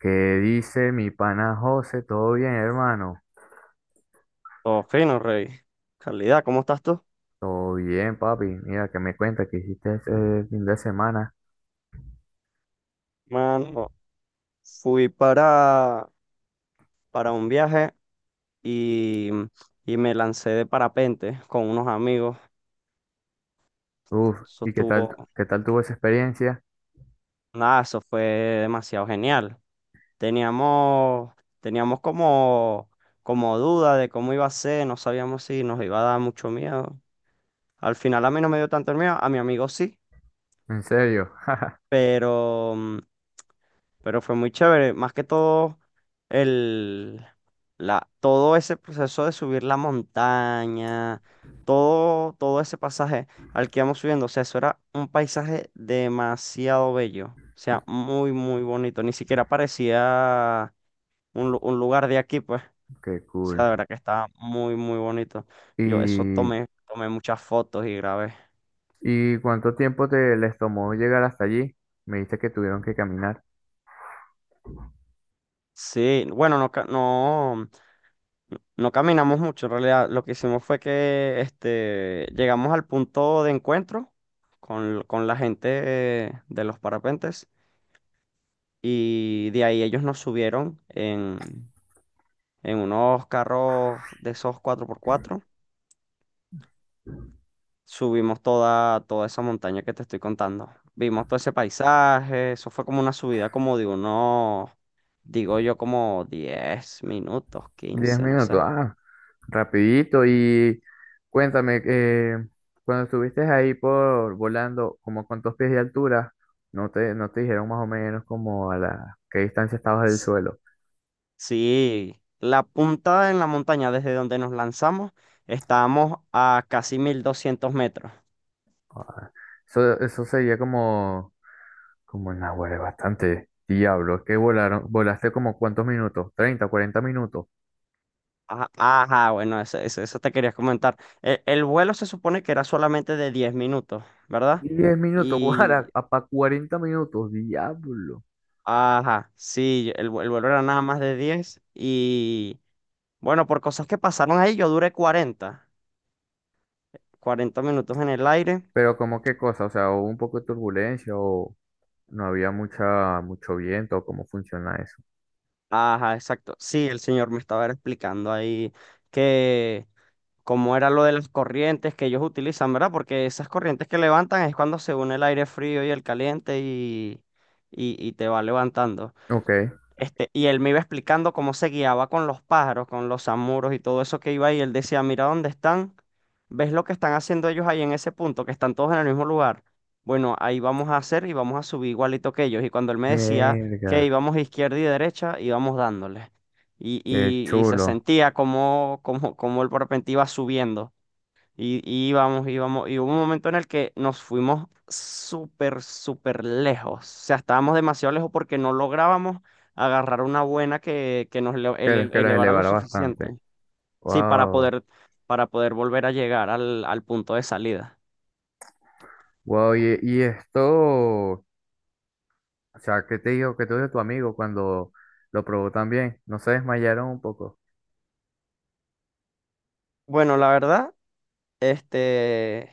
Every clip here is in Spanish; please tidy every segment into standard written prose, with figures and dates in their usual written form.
¿Qué dice mi pana José? ¿Todo bien, hermano? Todo fino, Rey. Calidad, ¿cómo estás tú? Todo bien, papi. Mira, que me cuenta que hiciste ese fin de semana. Mano, fui para, para un viaje y, y me lancé de parapente con unos amigos. Uf, Eso estuvo, ¿qué tal tuvo esa experiencia? Nada, eso fue demasiado genial. Teníamos, teníamos como duda de cómo iba a ser, no sabíamos si nos iba a dar mucho miedo. Al final a mí no me dio tanto el miedo, a mi amigo sí, ¿En serio? pero pero fue muy chévere. Más que todo, el, todo ese proceso de subir la montaña, todo ese pasaje al que íbamos subiendo, o sea, eso era un paisaje demasiado bello, o Y- sea, muy, muy bonito. Ni siquiera parecía un lugar de aquí, pues, o Qué cool. sea, de verdad que estaba muy, muy bonito. Yo eso ¿Y, tomé muchas fotos y grabé. y cuánto tiempo te les tomó llegar hasta allí? Me dijiste que tuvieron que caminar. Sí, bueno, no, no. No caminamos mucho, en realidad lo que hicimos fue que este, llegamos al punto de encuentro con la gente de los parapentes y de ahí ellos nos subieron en unos carros de esos cuatro por cuatro. Subimos toda esa montaña que te estoy contando. Vimos todo ese paisaje, eso fue como una subida como de unos, digo yo, como 10 minutos, Diez 15 no minutos, sé. ah, rapidito. Y cuéntame, cuando estuviste ahí por volando, como cuántos pies de altura, no te dijeron más o menos como a la qué distancia estabas del suelo. Sí, la punta en la montaña desde donde nos lanzamos, estábamos a casi 1.200 metros. Ah, eso sería como una hueva, bastante. Diablo, que volaron, volaste como cuántos minutos, ¿30 40 minutos? Ajá, ajá, bueno, eso te quería comentar. El vuelo se supone que era solamente de 10 minutos, ¿verdad? ¿10 minutos? Y, Guara, para 40 minutos, diablo. ajá, sí, el vuelo era nada más de 10 bueno, por cosas que pasaron ahí, yo duré cuarenta minutos en el aire. Pero como qué cosa, o sea, ¿hubo un poco de turbulencia o no había mucho viento? ¿Cómo funciona eso? Ajá, exacto. Sí, el señor me estaba explicando ahí que... como era lo de las corrientes que ellos utilizan, ¿verdad? Porque esas corrientes que levantan es cuando se une el aire frío y el caliente y te va levantando. Ok, Este, y él me iba explicando cómo se guiaba con los pájaros, con los zamuros y todo eso que iba ahí. Él decía, mira dónde están, ves lo que están haciendo ellos ahí en ese punto, que están todos en el mismo lugar. Bueno, ahí vamos a hacer y vamos a subir igualito que ellos. Y cuando él me decía que mierda, íbamos izquierda y derecha, íbamos dándole. Qué Y se chulo, sentía como el parapente iba subiendo. Íbamos, y hubo un momento en el que nos fuimos súper, súper lejos. O sea, estábamos demasiado lejos porque no lográbamos agarrar una buena que nos que los elevara lo elevará bastante. suficiente. Sí, Wow, para poder volver a llegar al punto de salida. wow, y esto, o sea, ¿qué te dijo tu amigo cuando lo probó también? ¿No se desmayaron un poco? Bueno, la verdad, este,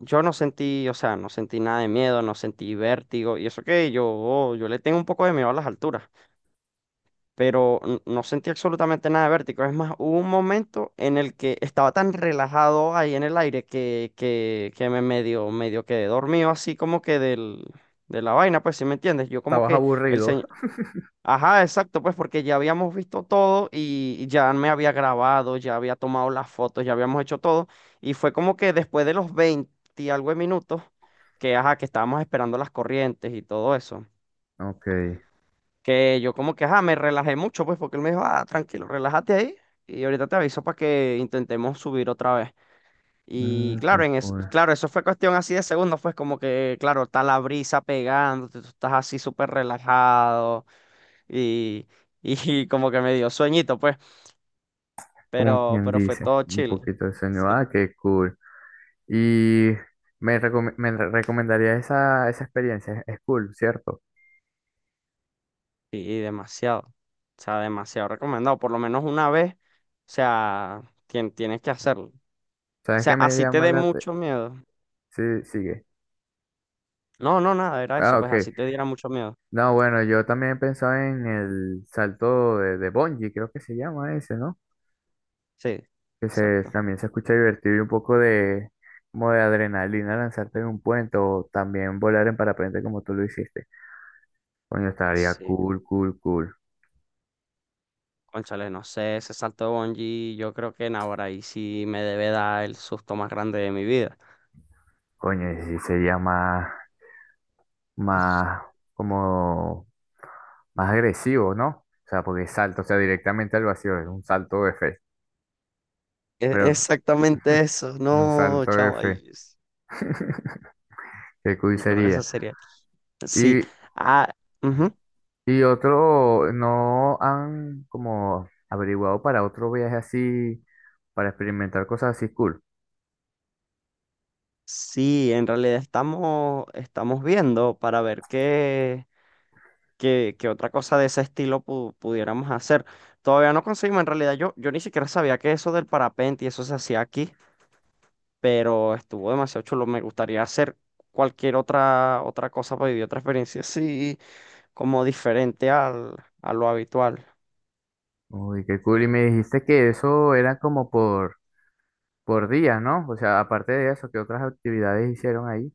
yo no sentí, o sea, no sentí nada de miedo, no sentí vértigo. Y eso que yo le tengo un poco de miedo a las alturas. Pero no sentí absolutamente nada de vértigo. Es más, hubo un momento en el que estaba tan relajado ahí en el aire que me medio quedé dormido así como que de la vaina, pues si me entiendes. Yo como ¿Estabas que el aburrido? señor... Ajá, exacto, pues porque ya habíamos visto todo y ya me había grabado, ya había tomado las fotos, ya habíamos hecho todo. Y fue como que después de los 20 y algo de minutos, que ajá, que estábamos esperando las corrientes y todo eso Ok, que yo como que, ajá, me relajé mucho, pues, porque él me dijo, ah, tranquilo, relájate ahí y ahorita te aviso para que intentemos subir otra vez. Y mm, qué claro, en es, cool. claro, eso fue cuestión así de segundos, pues como que, claro, está la brisa pegándote, tú estás así súper relajado y, y como que me dio sueñito, pues, Como quien pero fue dice, todo un chill. poquito de sueño, Sí. ah, qué cool. Y me, recome- me re- recomendaría esa experiencia, es cool, ¿cierto? Y demasiado, o sea, demasiado recomendado, por lo menos una vez, o sea, tienes que hacerlo. O ¿Sabes sea, qué me así te llama dé la… mucho miedo. Sí, sigue. No, no, nada, era eso, Ah, pues ok. así te diera mucho miedo. No, bueno, yo también pensaba en el salto de bungee, creo que se llama ese, ¿no? Sí, exacto. También se escucha divertido y un poco de, como de adrenalina lanzarte en un puente o también volar en parapente como tú lo hiciste. Coño, estaría Sí, cool, cool, cool. cónchale, no sé, ese salto de bungee, yo creo que en ahora ahí sí me debe dar el susto más grande de mi vida. Coño, y sí sería más, más, como, más agresivo, ¿no? O sea, porque salto, o sea, directamente al vacío, es un salto de fe. Pero, Exactamente eso, un no, salto de chavo, fe. ay, Qué cool yo creo que esa sería. sería. Sí, Y, ah, ujú. y otro, ¿no han como averiguado para otro viaje así, para experimentar cosas así cool? Sí, en realidad estamos viendo para ver qué otra cosa de ese estilo pudiéramos hacer. Todavía no conseguimos, en realidad yo ni siquiera sabía que eso del parapente y eso se hacía aquí. Pero estuvo demasiado chulo. Me gustaría hacer cualquier otra cosa para vivir otra experiencia así, como diferente a lo habitual. Uy, qué cool. Y me dijiste que eso era como por días, ¿no? O sea, aparte de eso, ¿qué otras actividades hicieron ahí?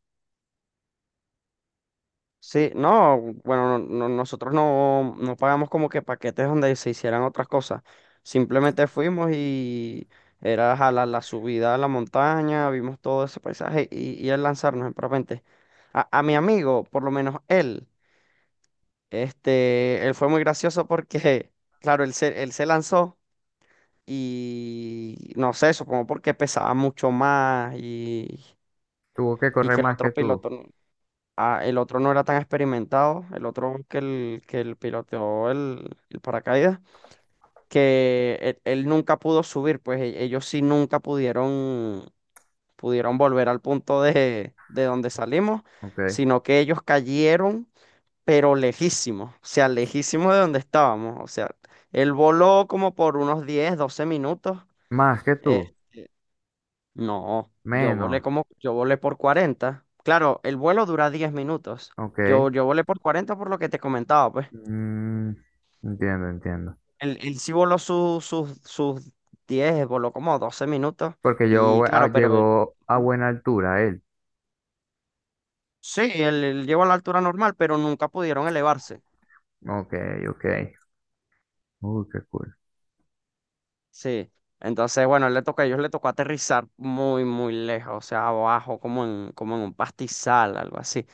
Sí, no, bueno, nosotros no, no pagamos como que paquetes donde se hicieran otras cosas. Simplemente fuimos y era jalar la subida a la montaña, vimos todo ese paisaje y el lanzarnos en parapente. A mi amigo, por lo menos él, este, él fue muy gracioso porque, claro, él se lanzó. Y no sé, supongo porque pesaba mucho más Tuvo que y correr que el más otro que tú, piloto, no- ah, el otro no era tan experimentado, el otro que el piloteó el paracaídas, que él nunca pudo subir, pues ellos sí nunca pudieron, pudieron volver al punto de donde salimos, ok. sino que ellos cayeron, pero lejísimos, o sea, lejísimos de donde estábamos, o sea, él voló como por unos 10 o 12 minutos. Más que tú, No, yo menos, volé como, yo volé por 40. Claro, el vuelo dura 10 minutos. ok. Yo volé por 40 por lo que te comentaba, pues. Mm, entiendo, entiendo. Él sí voló sus 10 voló como 12 minutos. Porque Y yo ah, claro, pero llegó a ujú. buena altura él. Sí, él llegó a la altura normal, pero nunca pudieron elevarse. Ok, ok. Uy, qué cool. Sí. Entonces, bueno, él le tocó, a ellos le tocó aterrizar muy, muy lejos, o sea, abajo, como en, como en un pastizal, algo así.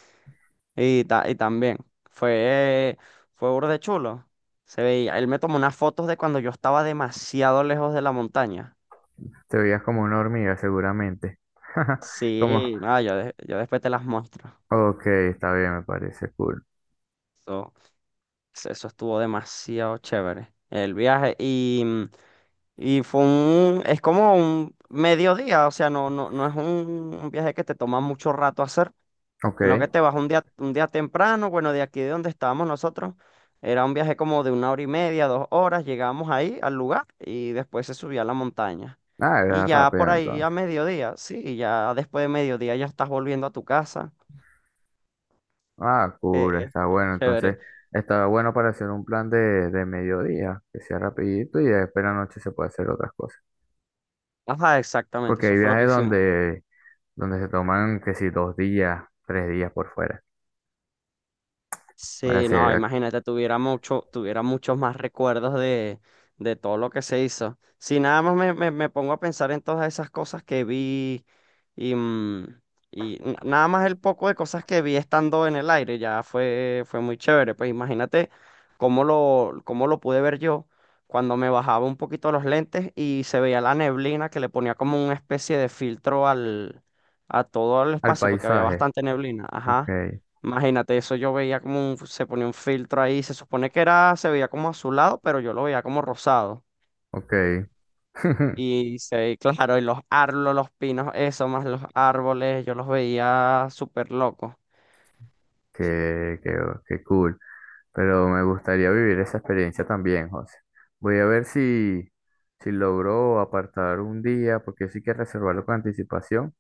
Y, y también fue, fue burde chulo. Se veía, él me tomó unas fotos de cuando yo estaba demasiado lejos de la montaña. Te veías como una hormiga, seguramente. Como, Sí, no, yo, yo después te las muestro. ok, está bien, me parece cool. Eso, eso estuvo demasiado chévere. El viaje y fue es como un mediodía, o sea, no es un viaje que te toma mucho rato hacer. En lo que Ok. te vas un día temprano, bueno, de aquí de donde estábamos nosotros, era un viaje como de 1 hora y media, 2 horas, llegamos ahí al lugar y después se subía a la montaña. Ah, Y era ya rápido por ahí a entonces. mediodía, sí, ya después de mediodía ya estás volviendo a tu casa. Ah, Eh, cool, es- está es bueno. chévere. Entonces, está bueno para hacer un plan de mediodía, que sea rapidito y después en la noche se puede hacer otras cosas. Ajá, exactamente, Porque eso hay fue lo que viajes hicimos. Donde se toman, que si 2 días, 3 días por fuera, para Sí, hacer no, al, imagínate, tuviera muchos más recuerdos de todo lo que se hizo. Si nada más me pongo a pensar en todas esas cosas que vi y, mm, y nada más el poco de cosas que vi estando en el aire, ya fue, fue muy chévere. Pues imagínate cómo lo pude ver yo cuando me bajaba un poquito los lentes y se veía la neblina que le ponía como una especie de filtro a todo el al espacio, porque había paisaje. bastante neblina. Ok, Ajá. Imagínate, eso yo veía como se ponía un filtro ahí, se supone que era, se veía como azulado, pero yo lo veía como rosado. ok. Y se, claro, y los árboles, los pinos, eso, más los árboles, yo los veía súper locos. Qué, qué, qué cool. Pero me gustaría vivir esa experiencia también, José. Voy a ver si, si logro apartar un día, porque sí que reservarlo con anticipación,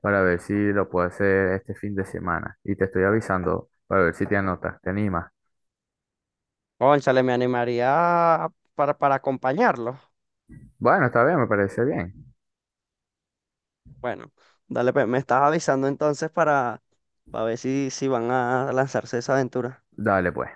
para ver si lo puedo hacer este fin de semana. Y te estoy avisando para ver si te anotas, te animas. Cónchale, me animaría para acompañarlos. Bueno, está bien, me parece bien. Bueno, dale, pues, me estás avisando entonces para ver si, van a lanzarse esa aventura. Dale pues.